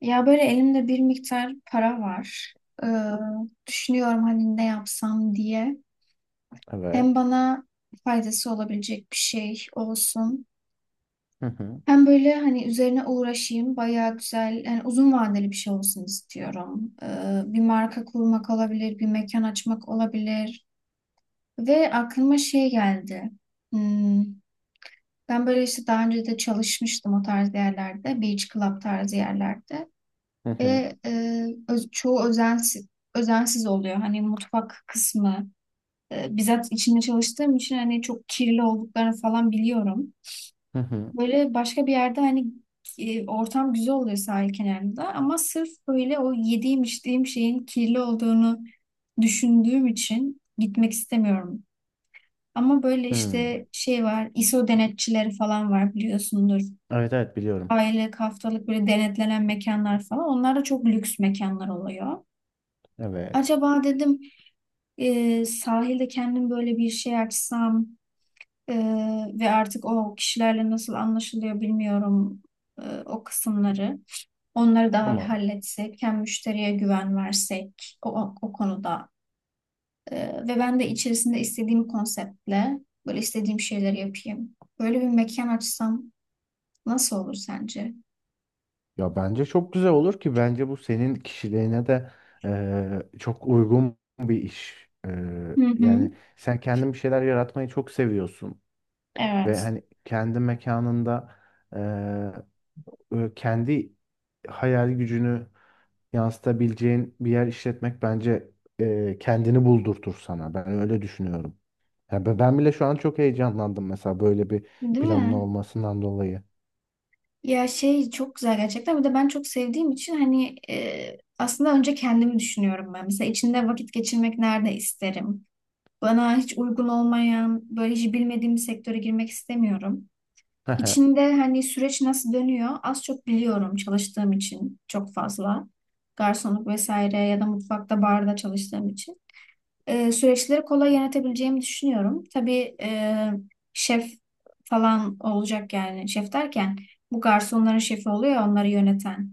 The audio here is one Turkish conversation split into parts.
Ya böyle elimde bir miktar para var. Ee, düşünüyorum hani ne yapsam diye. Hem Evet. bana faydası olabilecek bir şey olsun. Hı hı. Hem böyle hani üzerine uğraşayım. Bayağı güzel, yani uzun vadeli bir şey olsun istiyorum. Bir marka kurmak olabilir, bir mekan açmak olabilir. Ve aklıma şey geldi. Hmm, ben böyle işte daha önce de çalışmıştım o tarz yerlerde. Beach Club tarzı yerlerde. Hı hı. Ve çoğu özensiz oluyor. Hani mutfak kısmı bizzat içinde çalıştığım için hani çok kirli olduklarını falan biliyorum. Hı hı. Böyle başka bir yerde hani ortam güzel oluyor sahil kenarında ama sırf böyle o yediğim içtiğim şeyin kirli olduğunu düşündüğüm için gitmek istemiyorum. Ama böyle Hı. işte şey var, ISO denetçileri falan var biliyorsundur. Evet, evet biliyorum. Aylık, haftalık böyle denetlenen mekanlar falan. Onlar da çok lüks mekanlar oluyor. Evet. Acaba dedim sahilde kendim böyle bir şey açsam e, ve artık o kişilerle nasıl anlaşılıyor bilmiyorum o kısımları. Onları da Tamam. halletsek, hem müşteriye güven versek o konuda. E, ve ben de içerisinde istediğim konseptle böyle istediğim şeyleri yapayım. Böyle bir mekan açsam nasıl olur sence? Ya bence çok güzel olur ki bence bu senin kişiliğine de çok uygun bir iş. Hı Yani hı. sen kendin bir şeyler yaratmayı çok seviyorsun ve Evet, hani kendi mekanında e, kendi hayal gücünü yansıtabileceğin bir yer işletmek bence kendini buldurtur sana. Ben öyle düşünüyorum. Ya ben bile şu an çok heyecanlandım mesela böyle bir değil planın mi? olmasından dolayı. Ya şey çok güzel gerçekten. Bir de ben çok sevdiğim için hani aslında önce kendimi düşünüyorum ben. Mesela içinde vakit geçirmek nerede isterim? Bana hiç uygun olmayan, böyle hiç bilmediğim bir sektöre girmek istemiyorum. İçinde hani süreç nasıl dönüyor az çok biliyorum çalıştığım için çok fazla. Garsonluk vesaire ya da mutfakta barda çalıştığım için süreçleri kolay yönetebileceğimi düşünüyorum. Tabii şef falan olacak yani şef derken bu garsonların şefi oluyor ya onları yöneten.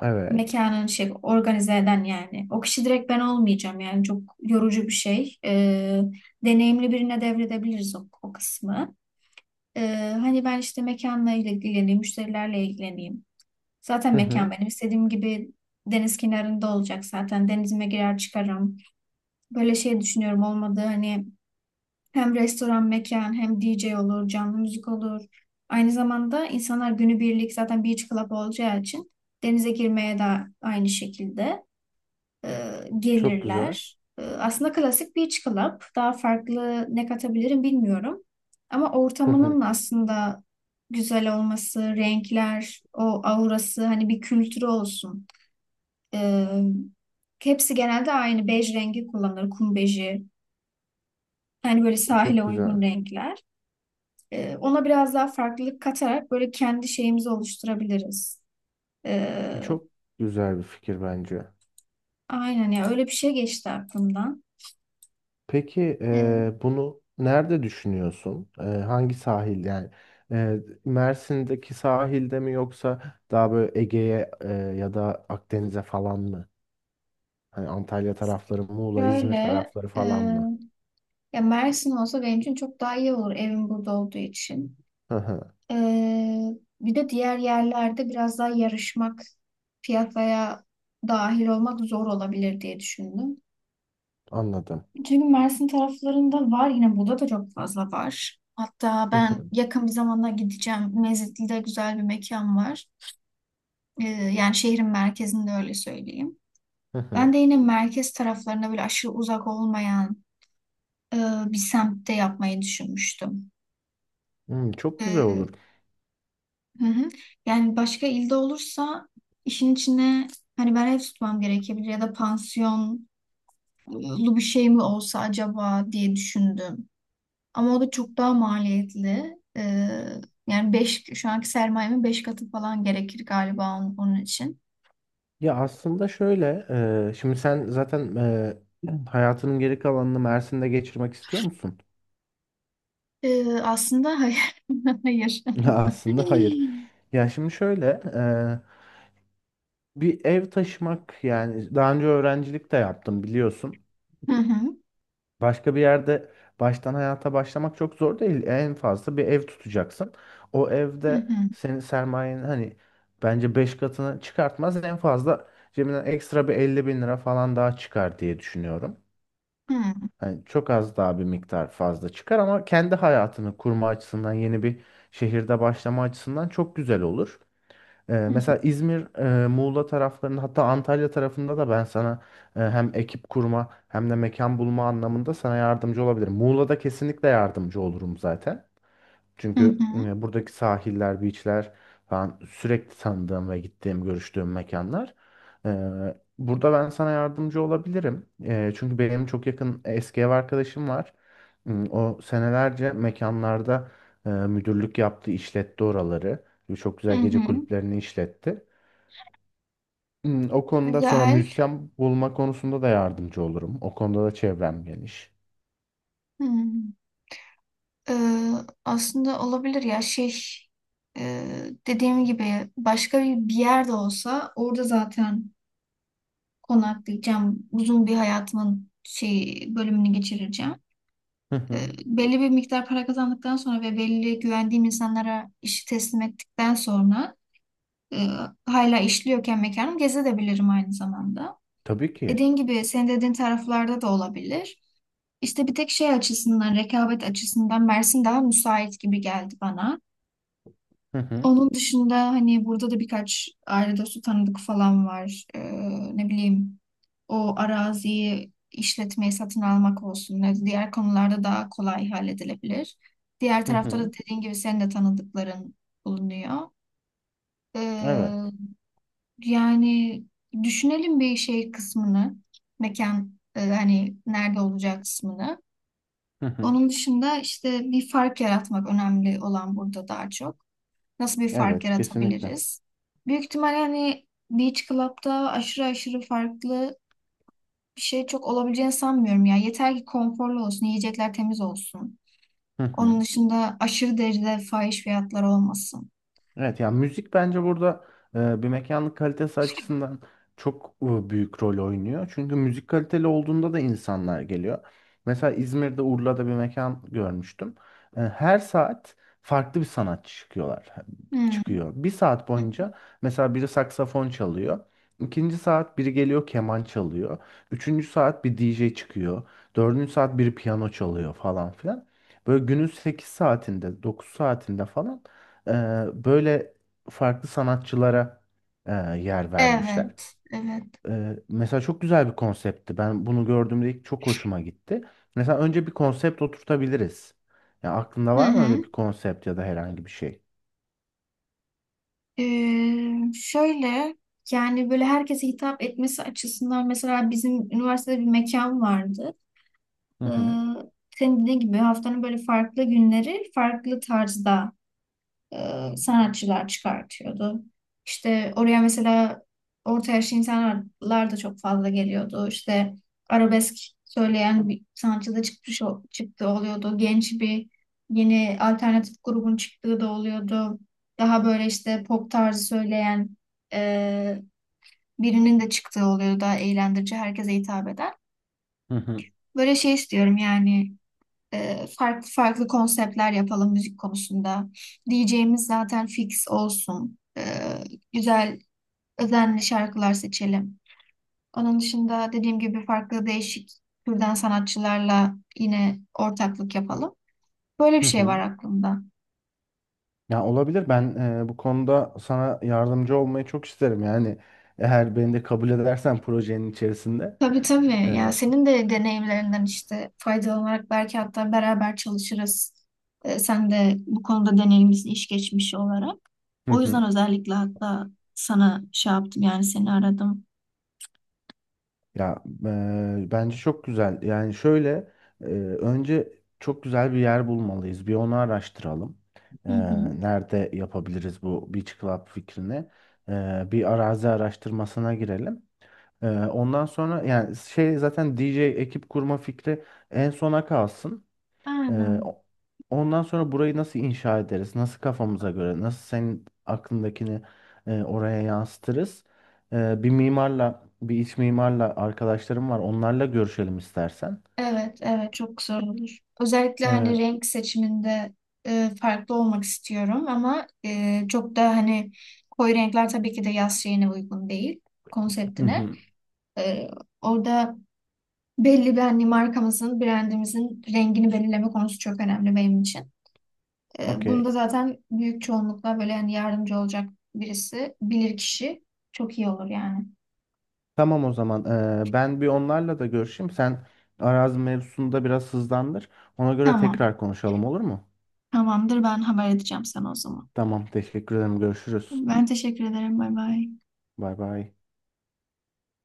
Evet. Mekanın şefi, organize eden yani. O kişi direkt ben olmayacağım yani çok yorucu bir şey. Deneyimli birine devredebiliriz o kısmı. E, hani ben işte mekanla ilgileneyim, müşterilerle ilgileneyim. Zaten Hı mekan hı. benim istediğim gibi deniz kenarında olacak zaten. Denizime girer çıkarım. Böyle şey düşünüyorum olmadı hani hem restoran, mekan, hem D J olur, canlı müzik olur. Aynı zamanda insanlar günübirlik zaten beach club olacağı için denize girmeye de aynı şekilde e, Çok güzel. gelirler. Aslında klasik beach club. Daha farklı ne katabilirim bilmiyorum. Ama Hı hı. ortamının aslında güzel olması, renkler, o aurası, hani bir kültürü olsun. E, hepsi genelde aynı bej rengi kullanılır, kum beji. Yani böyle sahile Çok uygun güzel. renkler. Ona biraz daha farklılık katarak böyle kendi şeyimizi oluşturabiliriz. E, Çok güzel bir fikir bence. aynen ya öyle bir şey geçti aklımdan. Peki E, bunu nerede düşünüyorsun? Hangi sahil yani? Mersin'deki sahilde mi yoksa daha böyle Ege'ye ya da Akdeniz'e falan mı? Hani Antalya tarafları, Muğla, İzmir şöyle tarafları e, falan mı? ya Mersin olsa benim için çok daha iyi olur evim burada olduğu için. Hı hı. E, bir de diğer yerlerde biraz daha yarışmak, piyasaya dahil olmak zor olabilir diye düşündüm. Anladım. Çünkü Mersin taraflarında var yine burada da çok fazla var. Hatta Hı ben hı. yakın bir zamanda gideceğim. Mezitli'de güzel bir mekan var. Yani şehrin merkezinde öyle söyleyeyim. Hı Ben hı. de yine merkez taraflarına böyle aşırı uzak olmayan e, bir semtte yapmayı düşünmüştüm. Hmm, çok güzel Ee, olur. hı hı. Yani başka ilde olursa işin içine hani ben ev tutmam gerekebilir ya da pansiyonlu bir şey mi olsa acaba diye düşündüm. Ama o da çok daha maliyetli. Yani şu anki sermayemin beş katı falan gerekir galiba onun için. Ya aslında şöyle, şimdi sen zaten hayatının geri kalanını Mersin'de geçirmek istiyor musun? Aslında hayır. Hayır. Ya aslında hayır. Ya şimdi şöyle, e, bir ev taşımak yani daha önce öğrencilik de yaptım biliyorsun. Hı hı, Başka bir yerde baştan hayata başlamak çok zor değil. En fazla bir ev tutacaksın. O hı evde hı, senin sermayenin hani bence 5 katını çıkartmaz. En fazla cebinden ekstra bir 50.000 lira falan daha çıkar diye düşünüyorum. hı hı, Yani çok az daha bir miktar fazla çıkar ama kendi hayatını kurma açısından yeni bir şehirde başlama açısından çok güzel olur. Mesela İzmir, Muğla taraflarında hatta Antalya tarafında da ben sana hem ekip kurma hem de mekan bulma anlamında sana yardımcı olabilirim. Muğla'da kesinlikle yardımcı olurum zaten. hı Çünkü hı, buradaki sahiller, beachler falan sürekli tanıdığım ve gittiğim, görüştüğüm mekanlar. E, Burada ben sana yardımcı olabilirim. Çünkü benim çok yakın eski ev arkadaşım var. O senelerce mekanlarda müdürlük yaptı, işletti oraları. Çok hı güzel gece hı. kulüplerini işletti. O konuda sonra Güzel. müzisyen bulma konusunda da yardımcı olurum. O konuda da çevrem geniş. Hı. Ee, aslında olabilir ya şey dediğim gibi başka bir yerde olsa orada zaten konaklayacağım. Uzun bir hayatımın şey bölümünü geçireceğim. Hı hı. Belli bir miktar para kazandıktan sonra ve belli güvendiğim insanlara işi teslim ettikten sonra e, hala işliyorken mekanım gezebilirim aynı zamanda. Tabii ki. Dediğin gibi senin dediğin taraflarda da olabilir. İşte bir tek şey açısından, rekabet açısından Mersin daha müsait gibi geldi bana. Hı hı. Onun dışında hani burada da birkaç aile dostu tanıdık falan var. Ne bileyim o araziyi işletmeyi satın almak olsun. Diğer konularda daha kolay halledilebilir. Diğer Hı tarafta hı. da dediğin gibi senin de tanıdıkların bulunuyor. Ee, Evet. yani düşünelim bir şey kısmını. Mekan hani nerede olacak kısmını. Onun dışında işte bir fark yaratmak önemli olan burada daha çok. Nasıl bir fark Evet, kesinlikle. yaratabiliriz? Büyük ihtimal hani Beach Club'da aşırı aşırı farklı bir şey çok olabileceğini sanmıyorum ya. Yeter ki konforlu olsun, yiyecekler temiz olsun. Hı Onun hı. dışında aşırı derecede fahiş fiyatlar olmasın. Evet yani müzik bence burada bir mekanlık kalitesi açısından çok büyük rol oynuyor. Çünkü müzik kaliteli olduğunda da insanlar geliyor. Mesela İzmir'de Urla'da bir mekan görmüştüm. Her saat farklı bir sanatçı çıkıyorlar. Hmm. Çıkıyor. Bir saat boyunca mesela biri saksafon çalıyor. İkinci saat biri geliyor keman çalıyor. Üçüncü saat bir DJ çıkıyor. Dördüncü saat biri piyano çalıyor falan filan. Böyle günün 8 saatinde 9 saatinde falan e, böyle farklı sanatçılara yer vermişler. Evet, evet. Mesela çok güzel bir konseptti. Ben bunu gördüğümde ilk çok hoşuma gitti. Mesela önce bir konsept oturtabiliriz. Ya aklında Hı var mı öyle hı. bir konsept ya da herhangi bir şey? Şöyle, yani böyle herkese hitap etmesi açısından mesela bizim üniversitede bir mekan vardı. Hı Ee, hı. senin dediğin gibi haftanın böyle farklı günleri farklı tarzda sanatçılar çıkartıyordu. İşte oraya mesela orta yaşlı insanlar da çok fazla geliyordu. İşte arabesk söyleyen bir sanatçı da çıktı oluyordu. Genç bir yeni alternatif grubun çıktığı da oluyordu. Daha böyle işte pop tarzı söyleyen e, birinin de çıktığı oluyordu. Daha eğlendirici, herkese hitap eden. Hı hı. Böyle şey istiyorum yani farklı farklı konseptler yapalım müzik konusunda. DJ'miz zaten fix olsun. Güzel, özenli şarkılar seçelim. Onun dışında dediğim gibi farklı değişik türden sanatçılarla yine ortaklık yapalım. Böyle bir Hı şey var hı. aklımda. Ya olabilir. Ben bu konuda sana yardımcı olmayı çok isterim. Yani eğer beni de kabul edersen projenin içerisinde. Tabii tabii. Ya E, senin de deneyimlerinden işte faydalanarak belki hatta beraber çalışırız. Sen de bu konuda deneyimlisin iş geçmişi olarak. hı O yüzden hı. özellikle hatta sana şey yaptım yani seni aradım. Ya bence çok güzel. Yani şöyle eee, önce çok güzel bir yer bulmalıyız. Bir onu araştıralım. Hı Eee, hı. Nerede yapabiliriz bu Beach Club fikrini? Bir arazi araştırmasına girelim. Ondan sonra yani şey zaten DJ ekip kurma fikri en sona kalsın. Ee, Aynen. o- Ondan sonra burayı nasıl inşa ederiz? Nasıl kafamıza göre? Nasıl senin aklındakini oraya yansıtırız? Bir mimarla, bir iç mimarla arkadaşlarım var. Onlarla görüşelim istersen. Evet, evet çok zor olur. Özellikle hani Ee, renk seçiminde farklı olmak istiyorum ama çok da hani koyu renkler tabii ki de yaz şeyine uygun değil hı konseptine. hı, E, orada belli bir hani markamızın, brandimizin rengini belirleme konusu çok önemli benim için. Bunda okey. zaten büyük çoğunlukla böyle hani yardımcı olacak birisi, bilir kişi çok iyi olur yani. Tamam o zaman. Ben bir onlarla da görüşeyim. Sen arazi mevzusunda biraz hızlandır. Ona göre Tamam, tekrar konuşalım olur mu? tamamdır ben haber edeceğim sana o zaman. Tamam, teşekkür ederim. Görüşürüz. Ben teşekkür ederim. Bay bay. Bay bay.